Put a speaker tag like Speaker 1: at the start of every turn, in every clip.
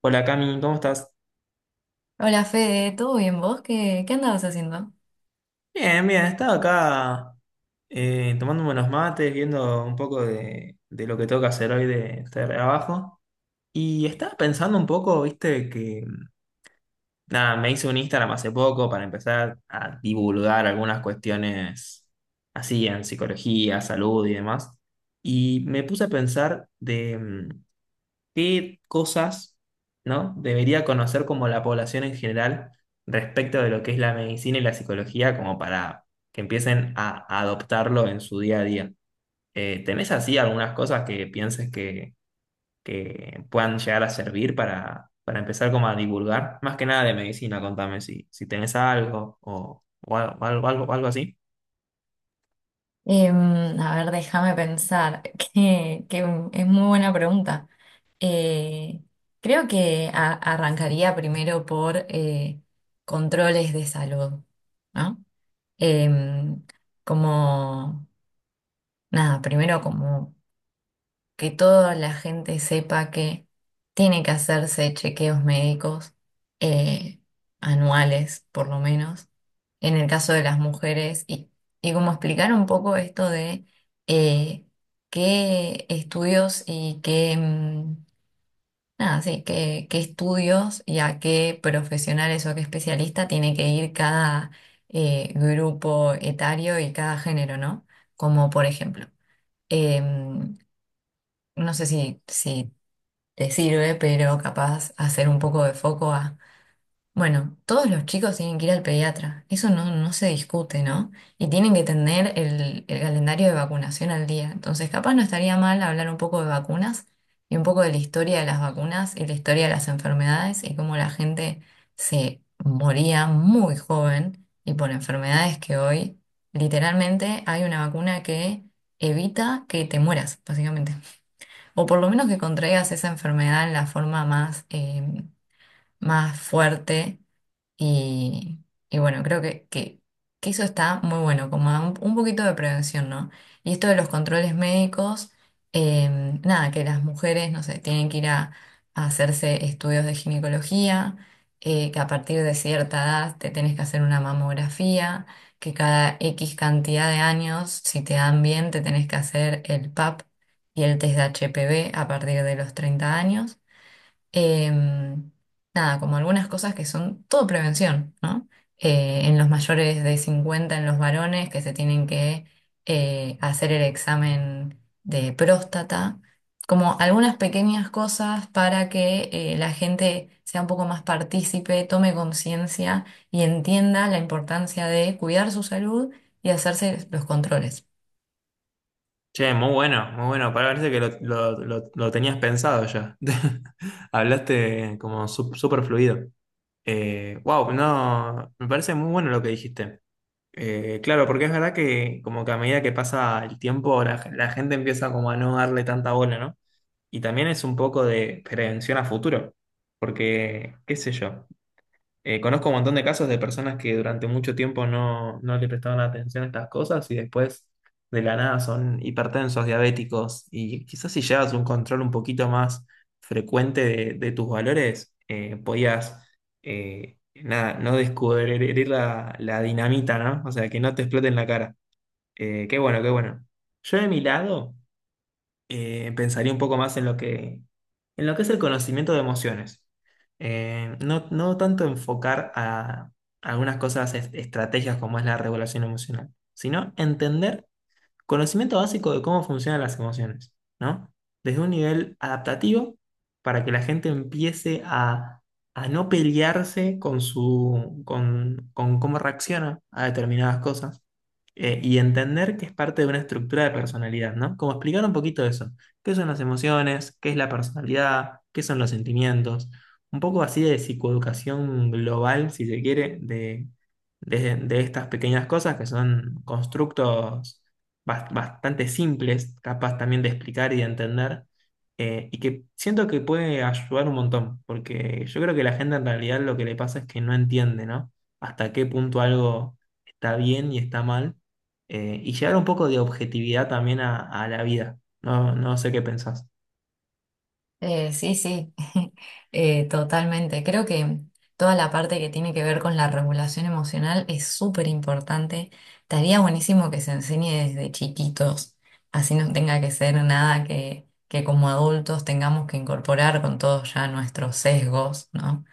Speaker 1: Hola Cami, ¿cómo estás?
Speaker 2: Hola Fede, ¿todo bien vos? ¿Qué andabas haciendo?
Speaker 1: Bien, bien, estaba acá tomándome unos mates, viendo un poco de lo que tengo que hacer hoy de trabajo. Y estaba pensando un poco, viste, que nada, me hice un Instagram hace poco para empezar a divulgar algunas cuestiones así en psicología, salud y demás. Y me puse a pensar de ¿qué cosas, ¿no? debería conocer como la población en general respecto de lo que es la medicina y la psicología como para que empiecen a adoptarlo en su día a día? ¿Tenés así algunas cosas que pienses que puedan llegar a servir para empezar como a divulgar? Más que nada de medicina, contame si tenés algo o algo, algo así.
Speaker 2: A ver, déjame pensar, que es muy buena pregunta. Eh, Creo que arrancaría primero por controles de salud, ¿no? Em, Como, nada, primero como que toda la gente sepa que tiene que hacerse chequeos médicos eh, anuales, por lo menos en el caso de las mujeres y como explicar un poco esto de eh, qué estudios y qué, nada, sí, qué estudios y a qué profesionales o a qué especialista tiene que ir cada grupo etario y cada género, ¿no? Como por ejemplo, em, no sé si, si te sirve, pero capaz hacer un poco de foco a bueno, todos los chicos tienen que ir al pediatra, eso no, no se discute, ¿no? Y tienen que tener el calendario de vacunación al día. Entonces, capaz no estaría mal hablar un poco de vacunas y un poco de la historia de las vacunas y la historia de las enfermedades y cómo la gente se moría muy joven y por enfermedades que hoy literalmente hay una vacuna que evita que te mueras, básicamente. O por lo menos que contraigas esa enfermedad en la forma más, más fuerte y, y bueno, creo que eso está muy bueno, como da un poquito de prevención, ¿no? Y esto de los controles médicos, nada, que las mujeres, no sé, tienen que ir a hacerse estudios de ginecología, que a partir de cierta edad te tenés que hacer una mamografía, que cada X cantidad de años, si te dan bien, te tenés que hacer el PAP y el test de HPV a partir de los 30 años. Em, Nada, como algunas cosas que son todo prevención, ¿no? En los mayores de 50 en los varones, que se tienen que hacer el examen de próstata, como algunas pequeñas cosas para que la gente sea un poco más partícipe, tome conciencia y entienda la importancia de cuidar su salud y hacerse los controles.
Speaker 1: Che, muy bueno, muy bueno. Parece que lo tenías pensado ya. Hablaste como súper fluido. Wow, no, me parece muy bueno lo que dijiste. Claro, porque es verdad que como que a medida que pasa el tiempo, la gente empieza como a no darle tanta bola, ¿no? Y también es un poco de prevención a futuro, porque, qué sé yo. Conozco un montón de casos de personas que durante mucho tiempo no le prestaban atención a estas cosas y después de la nada son hipertensos, diabéticos y quizás si llevas un control un poquito más frecuente de tus valores, podías, nada, no descubrir la dinamita, ¿no? O sea, que no te explote en la cara. Qué bueno, qué bueno. Yo de mi lado pensaría un poco más en lo en lo que es el conocimiento de emociones. No tanto enfocar a algunas cosas, estrategias como es la regulación emocional, sino entender conocimiento básico de cómo funcionan las emociones, ¿no? Desde un nivel adaptativo, para que la gente empiece a no pelearse con su, con cómo reacciona a determinadas cosas y entender que es parte de una estructura de personalidad, ¿no? Como explicar un poquito eso. ¿Qué son las emociones? ¿Qué es la personalidad? ¿Qué son los sentimientos? Un poco así de psicoeducación global, si se quiere, de estas pequeñas cosas que son constructos bastante simples, capaz también de explicar y de entender, y que siento que puede ayudar un montón, porque yo creo que la gente en realidad lo que le pasa es que no entiende, ¿no? Hasta qué punto algo está bien y está mal, y llevar un poco de objetividad también a la vida. No, no sé qué pensás.
Speaker 2: Sí, totalmente. Creo que toda la parte que tiene que ver con la regulación emocional es súper importante. Estaría buenísimo que se enseñe desde chiquitos, así no tenga que ser nada que como adultos tengamos que incorporar con todos ya nuestros sesgos, ¿no?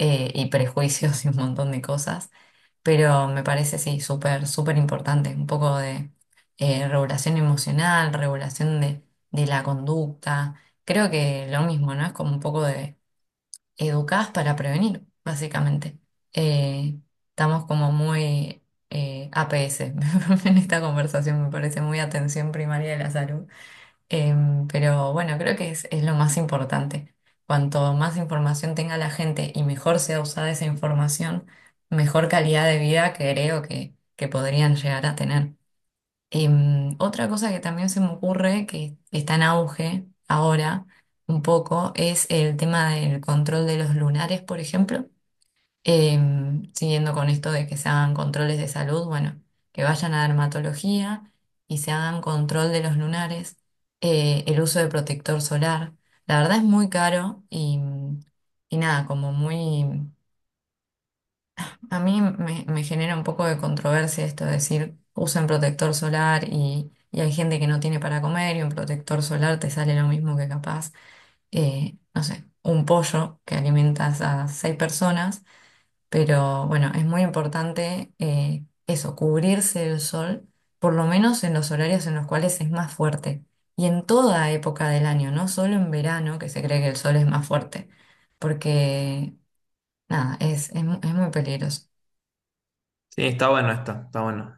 Speaker 2: Y prejuicios y un montón de cosas. Pero me parece, sí, súper importante. Un poco de regulación emocional, regulación de la conducta. Creo que lo mismo, ¿no? Es como un poco de educadas para prevenir, básicamente. Eh, Estamos como muy APS en esta conversación, me parece muy atención primaria de la salud. Pero bueno, creo que es lo más importante. Cuanto más información tenga la gente y mejor sea usada esa información, mejor calidad de vida creo que podrían llegar a tener. Otra cosa que también se me ocurre que está en auge ahora un poco es el tema del control de los lunares, por ejemplo. Siguiendo con esto de que se hagan controles de salud, bueno, que vayan a dermatología y se hagan control de los lunares, el uso de protector solar. La verdad es muy caro y nada, como muy... A mí me genera un poco de controversia esto de decir, usen protector solar y hay gente que no tiene para comer y un protector solar te sale lo mismo que capaz, no sé, un pollo que alimentas a seis personas, pero bueno, es muy importante eso, cubrirse del sol, por lo menos en los horarios en los cuales es más fuerte. Y en toda época del año, no solo en verano, que se cree que el sol es más fuerte, porque nada, es, es muy peligroso.
Speaker 1: Sí, está bueno esto, está bueno.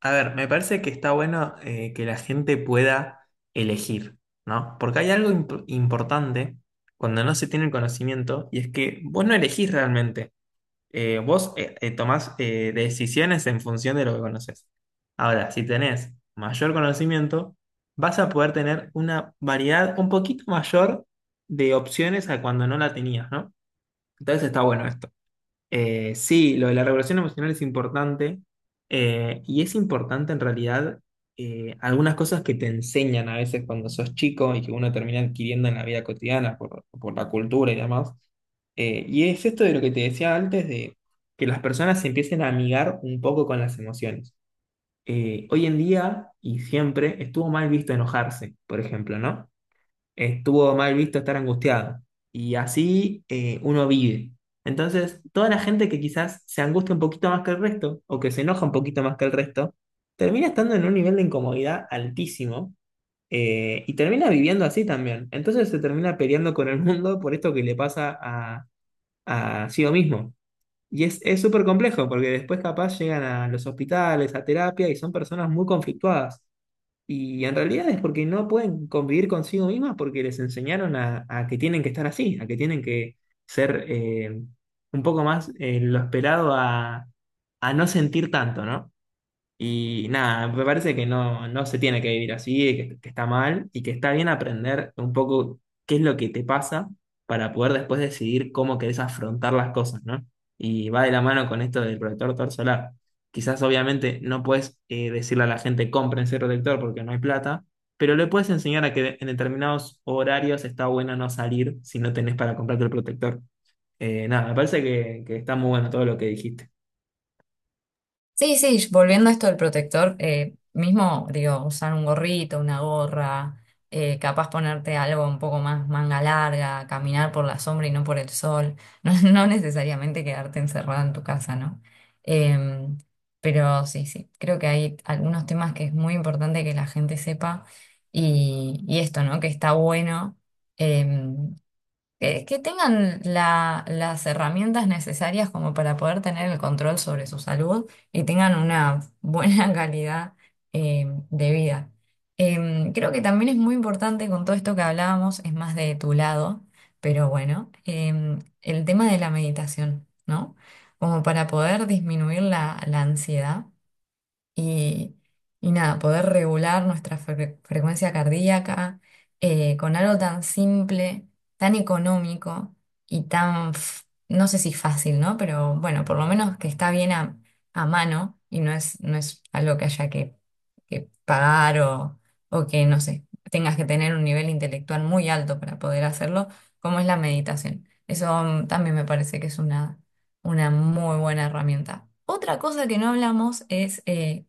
Speaker 1: A ver, me parece que está bueno que la gente pueda elegir, ¿no? Porque hay algo importante cuando no se tiene el conocimiento y es que vos no elegís realmente. Vos Tomás decisiones en función de lo que conoces. Ahora, si tenés mayor conocimiento, vas a poder tener una variedad un poquito mayor de opciones a cuando no la tenías, ¿no? Entonces está bueno esto. Sí, lo de la regulación emocional es importante y es importante en realidad algunas cosas que te enseñan a veces cuando sos chico y que uno termina adquiriendo en la vida cotidiana por la cultura y demás. Y es esto de lo que te decía antes, de que las personas se empiecen a amigar un poco con las emociones. Hoy en día y siempre estuvo mal visto enojarse, por ejemplo, ¿no? Estuvo mal visto estar angustiado. Y así uno vive. Entonces, toda la gente que quizás se angustia un poquito más que el resto, o que se enoja un poquito más que el resto, termina estando en un nivel de incomodidad altísimo y termina viviendo así también. Entonces se termina peleando con el mundo por esto que le pasa a sí mismo. Y es súper complejo, porque después capaz llegan a los hospitales, a terapia, y son personas muy conflictuadas. Y en realidad es porque no pueden convivir consigo mismas porque les enseñaron a que tienen que estar así, a que tienen que ser un poco más lo esperado a no sentir tanto, ¿no? Y nada, me parece que no, no se tiene que vivir así, que está mal y que está bien aprender un poco qué es lo que te pasa para poder después decidir cómo querés afrontar las cosas, ¿no? Y va de la mano con esto del protector tor solar. Quizás obviamente no puedes decirle a la gente cómprense protector porque no hay plata, pero le puedes enseñar a que en determinados horarios está bueno no salir si no tenés para comprarte el protector. Nada, me parece que está muy bueno todo lo que dijiste.
Speaker 2: Sí, sí, volviendo a esto del protector, mismo, digo, usar un gorrito, una gorra, capaz ponerte algo un poco más manga larga, caminar por la sombra y no por el sol, no, no necesariamente quedarte encerrada en tu casa, ¿no? Em, pero sí, sí, creo que hay algunos temas que es muy importante que la gente sepa y esto, ¿no? Que está bueno. em, que tengan las herramientas necesarias como para poder tener el control sobre su salud y tengan una buena calidad de vida. Creo que también es muy importante con todo esto que hablábamos, es más de tu lado, pero bueno, el tema de la meditación, ¿no? Como para poder disminuir la ansiedad y, y nada, poder regular nuestra frecuencia cardíaca con algo tan simple, tan económico y tan, no sé si fácil, ¿no? Pero bueno, por lo menos que está bien a mano y no es, no es algo que haya que pagar o que, no sé, tengas que tener un nivel intelectual muy alto para poder hacerlo, como es la meditación. Eso también me parece que es una muy buena herramienta. Otra cosa que no hablamos es eh,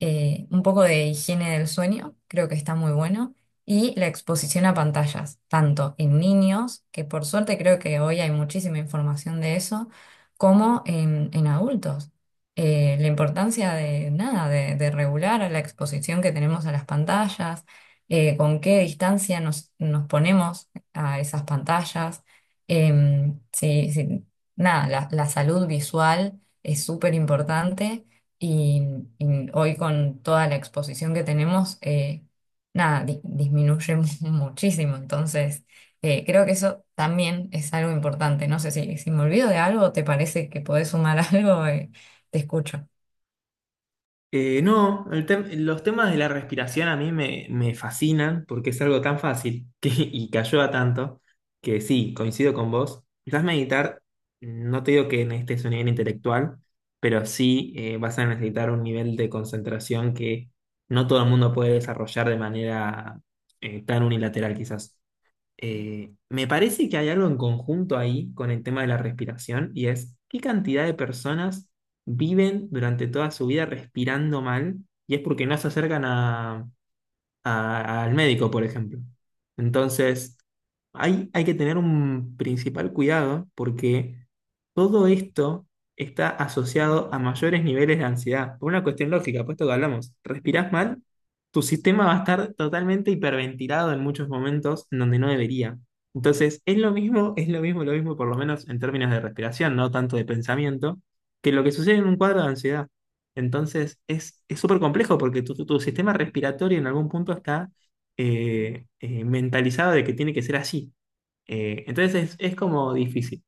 Speaker 2: eh, un poco de higiene del sueño, creo que está muy bueno, y la exposición a pantallas, tanto en niños, que por suerte creo que hoy hay muchísima información de eso, como en adultos. La importancia de nada, de regular la exposición que tenemos a las pantallas, con qué distancia nos ponemos a esas pantallas. Sí, sí, nada, la salud visual es súper importante y, y hoy con toda la exposición que tenemos, nada, disminuye muchísimo. Entonces, creo que eso también es algo importante. No sé si, si me olvido de algo, ¿te parece que podés sumar algo? Te escucho.
Speaker 1: No, El los temas de la respiración a mí me, me fascinan porque es algo tan fácil que, y que ayuda tanto que sí, coincido con vos. Quizás meditar, no te digo que necesites un nivel intelectual, pero sí vas a necesitar un nivel de concentración que no todo el mundo puede desarrollar de manera tan unilateral quizás. Me parece que hay algo en conjunto ahí con el tema de la respiración y es qué cantidad de personas viven durante toda su vida respirando mal y es porque no se acercan a, al médico, por ejemplo. Entonces, hay que tener un principal cuidado porque todo esto está asociado a mayores niveles de ansiedad, por una cuestión lógica, puesto que hablamos, respirás mal, tu sistema va a estar totalmente hiperventilado en muchos momentos en donde no debería. Entonces, es lo mismo, por lo menos en términos de respiración, no tanto de pensamiento, que lo que sucede en un cuadro de ansiedad. Entonces es súper complejo porque tu, tu sistema respiratorio en algún punto está mentalizado de que tiene que ser así. Entonces es como difícil.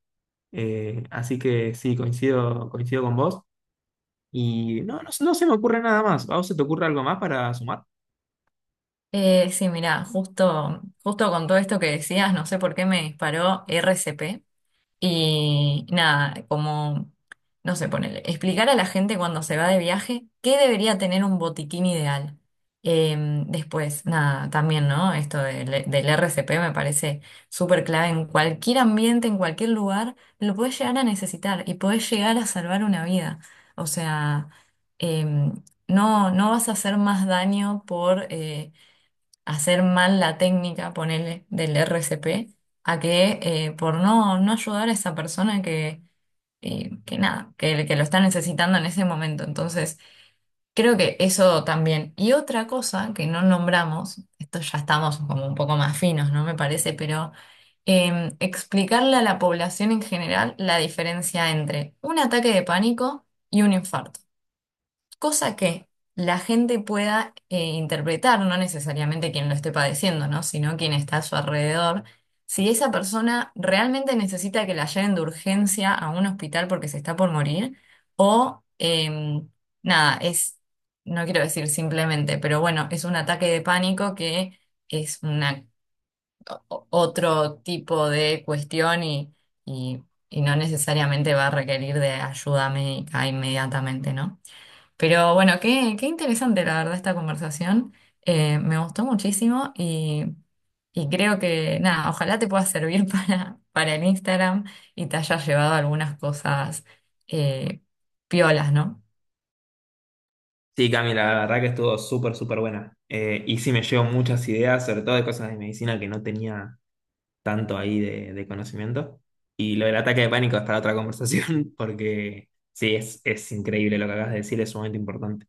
Speaker 1: Así que sí, coincido, coincido con vos. Y no, no, no se me ocurre nada más. ¿A vos se te ocurre algo más para sumar?
Speaker 2: Sí, mira, justo con todo esto que decías, no sé por qué me disparó RCP. Y nada, como, no sé, ponele, explicar a la gente cuando se va de viaje qué debería tener un botiquín ideal. Eh, Después, nada, también, ¿no? Esto del RCP me parece súper clave. En cualquier ambiente, en cualquier lugar, lo puedes llegar a necesitar y puedes llegar a salvar una vida. O sea, eh, no, no vas a hacer más daño por... hacer mal la técnica, ponerle del RCP, a que por no, no ayudar a esa persona que nada, que lo está necesitando en ese momento. Entonces, creo que eso también. Y otra cosa que no nombramos, esto ya estamos como un poco más finos, ¿no? Me parece, pero explicarle a la población en general la diferencia entre un ataque de pánico y un infarto, cosa que la gente pueda interpretar, no necesariamente quien lo esté padeciendo, ¿no? Sino quien está a su alrededor. Si esa persona realmente necesita que la lleven de urgencia a un hospital porque se está por morir, o nada, es, no quiero decir simplemente, pero bueno, es un ataque de pánico que es una, otro tipo de cuestión y y no necesariamente va a requerir de ayuda médica inmediatamente, ¿no? Pero bueno, qué interesante la verdad esta conversación. Me gustó muchísimo y creo que nada, ojalá te pueda servir para el Instagram y te hayas llevado algunas cosas eh, piolas, ¿no?
Speaker 1: Sí, Cami, la verdad que estuvo súper, súper buena. Y sí me llevo muchas ideas, sobre todo de cosas de medicina que no tenía tanto ahí de conocimiento. Y lo del ataque de pánico es para otra conversación, porque sí, es increíble lo que acabas de decir, es sumamente importante.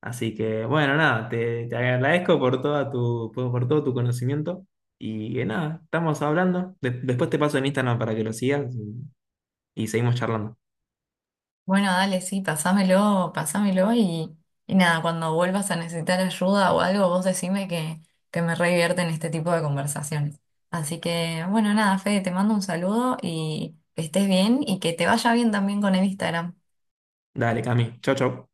Speaker 1: Así que, bueno, nada, te agradezco por toda tu, por todo tu conocimiento. Y que nada, estamos hablando. Después te paso en Instagram para que lo sigas y seguimos charlando.
Speaker 2: Bueno, dale, sí, pasámelo, pasámelo y nada, cuando vuelvas a necesitar ayuda o algo, vos decime que me re divierte en este tipo de conversaciones. Así que bueno, nada, Fede, te mando un saludo y que estés bien y que te vaya bien también con el Instagram.
Speaker 1: Dale, Cami. Chau, chau.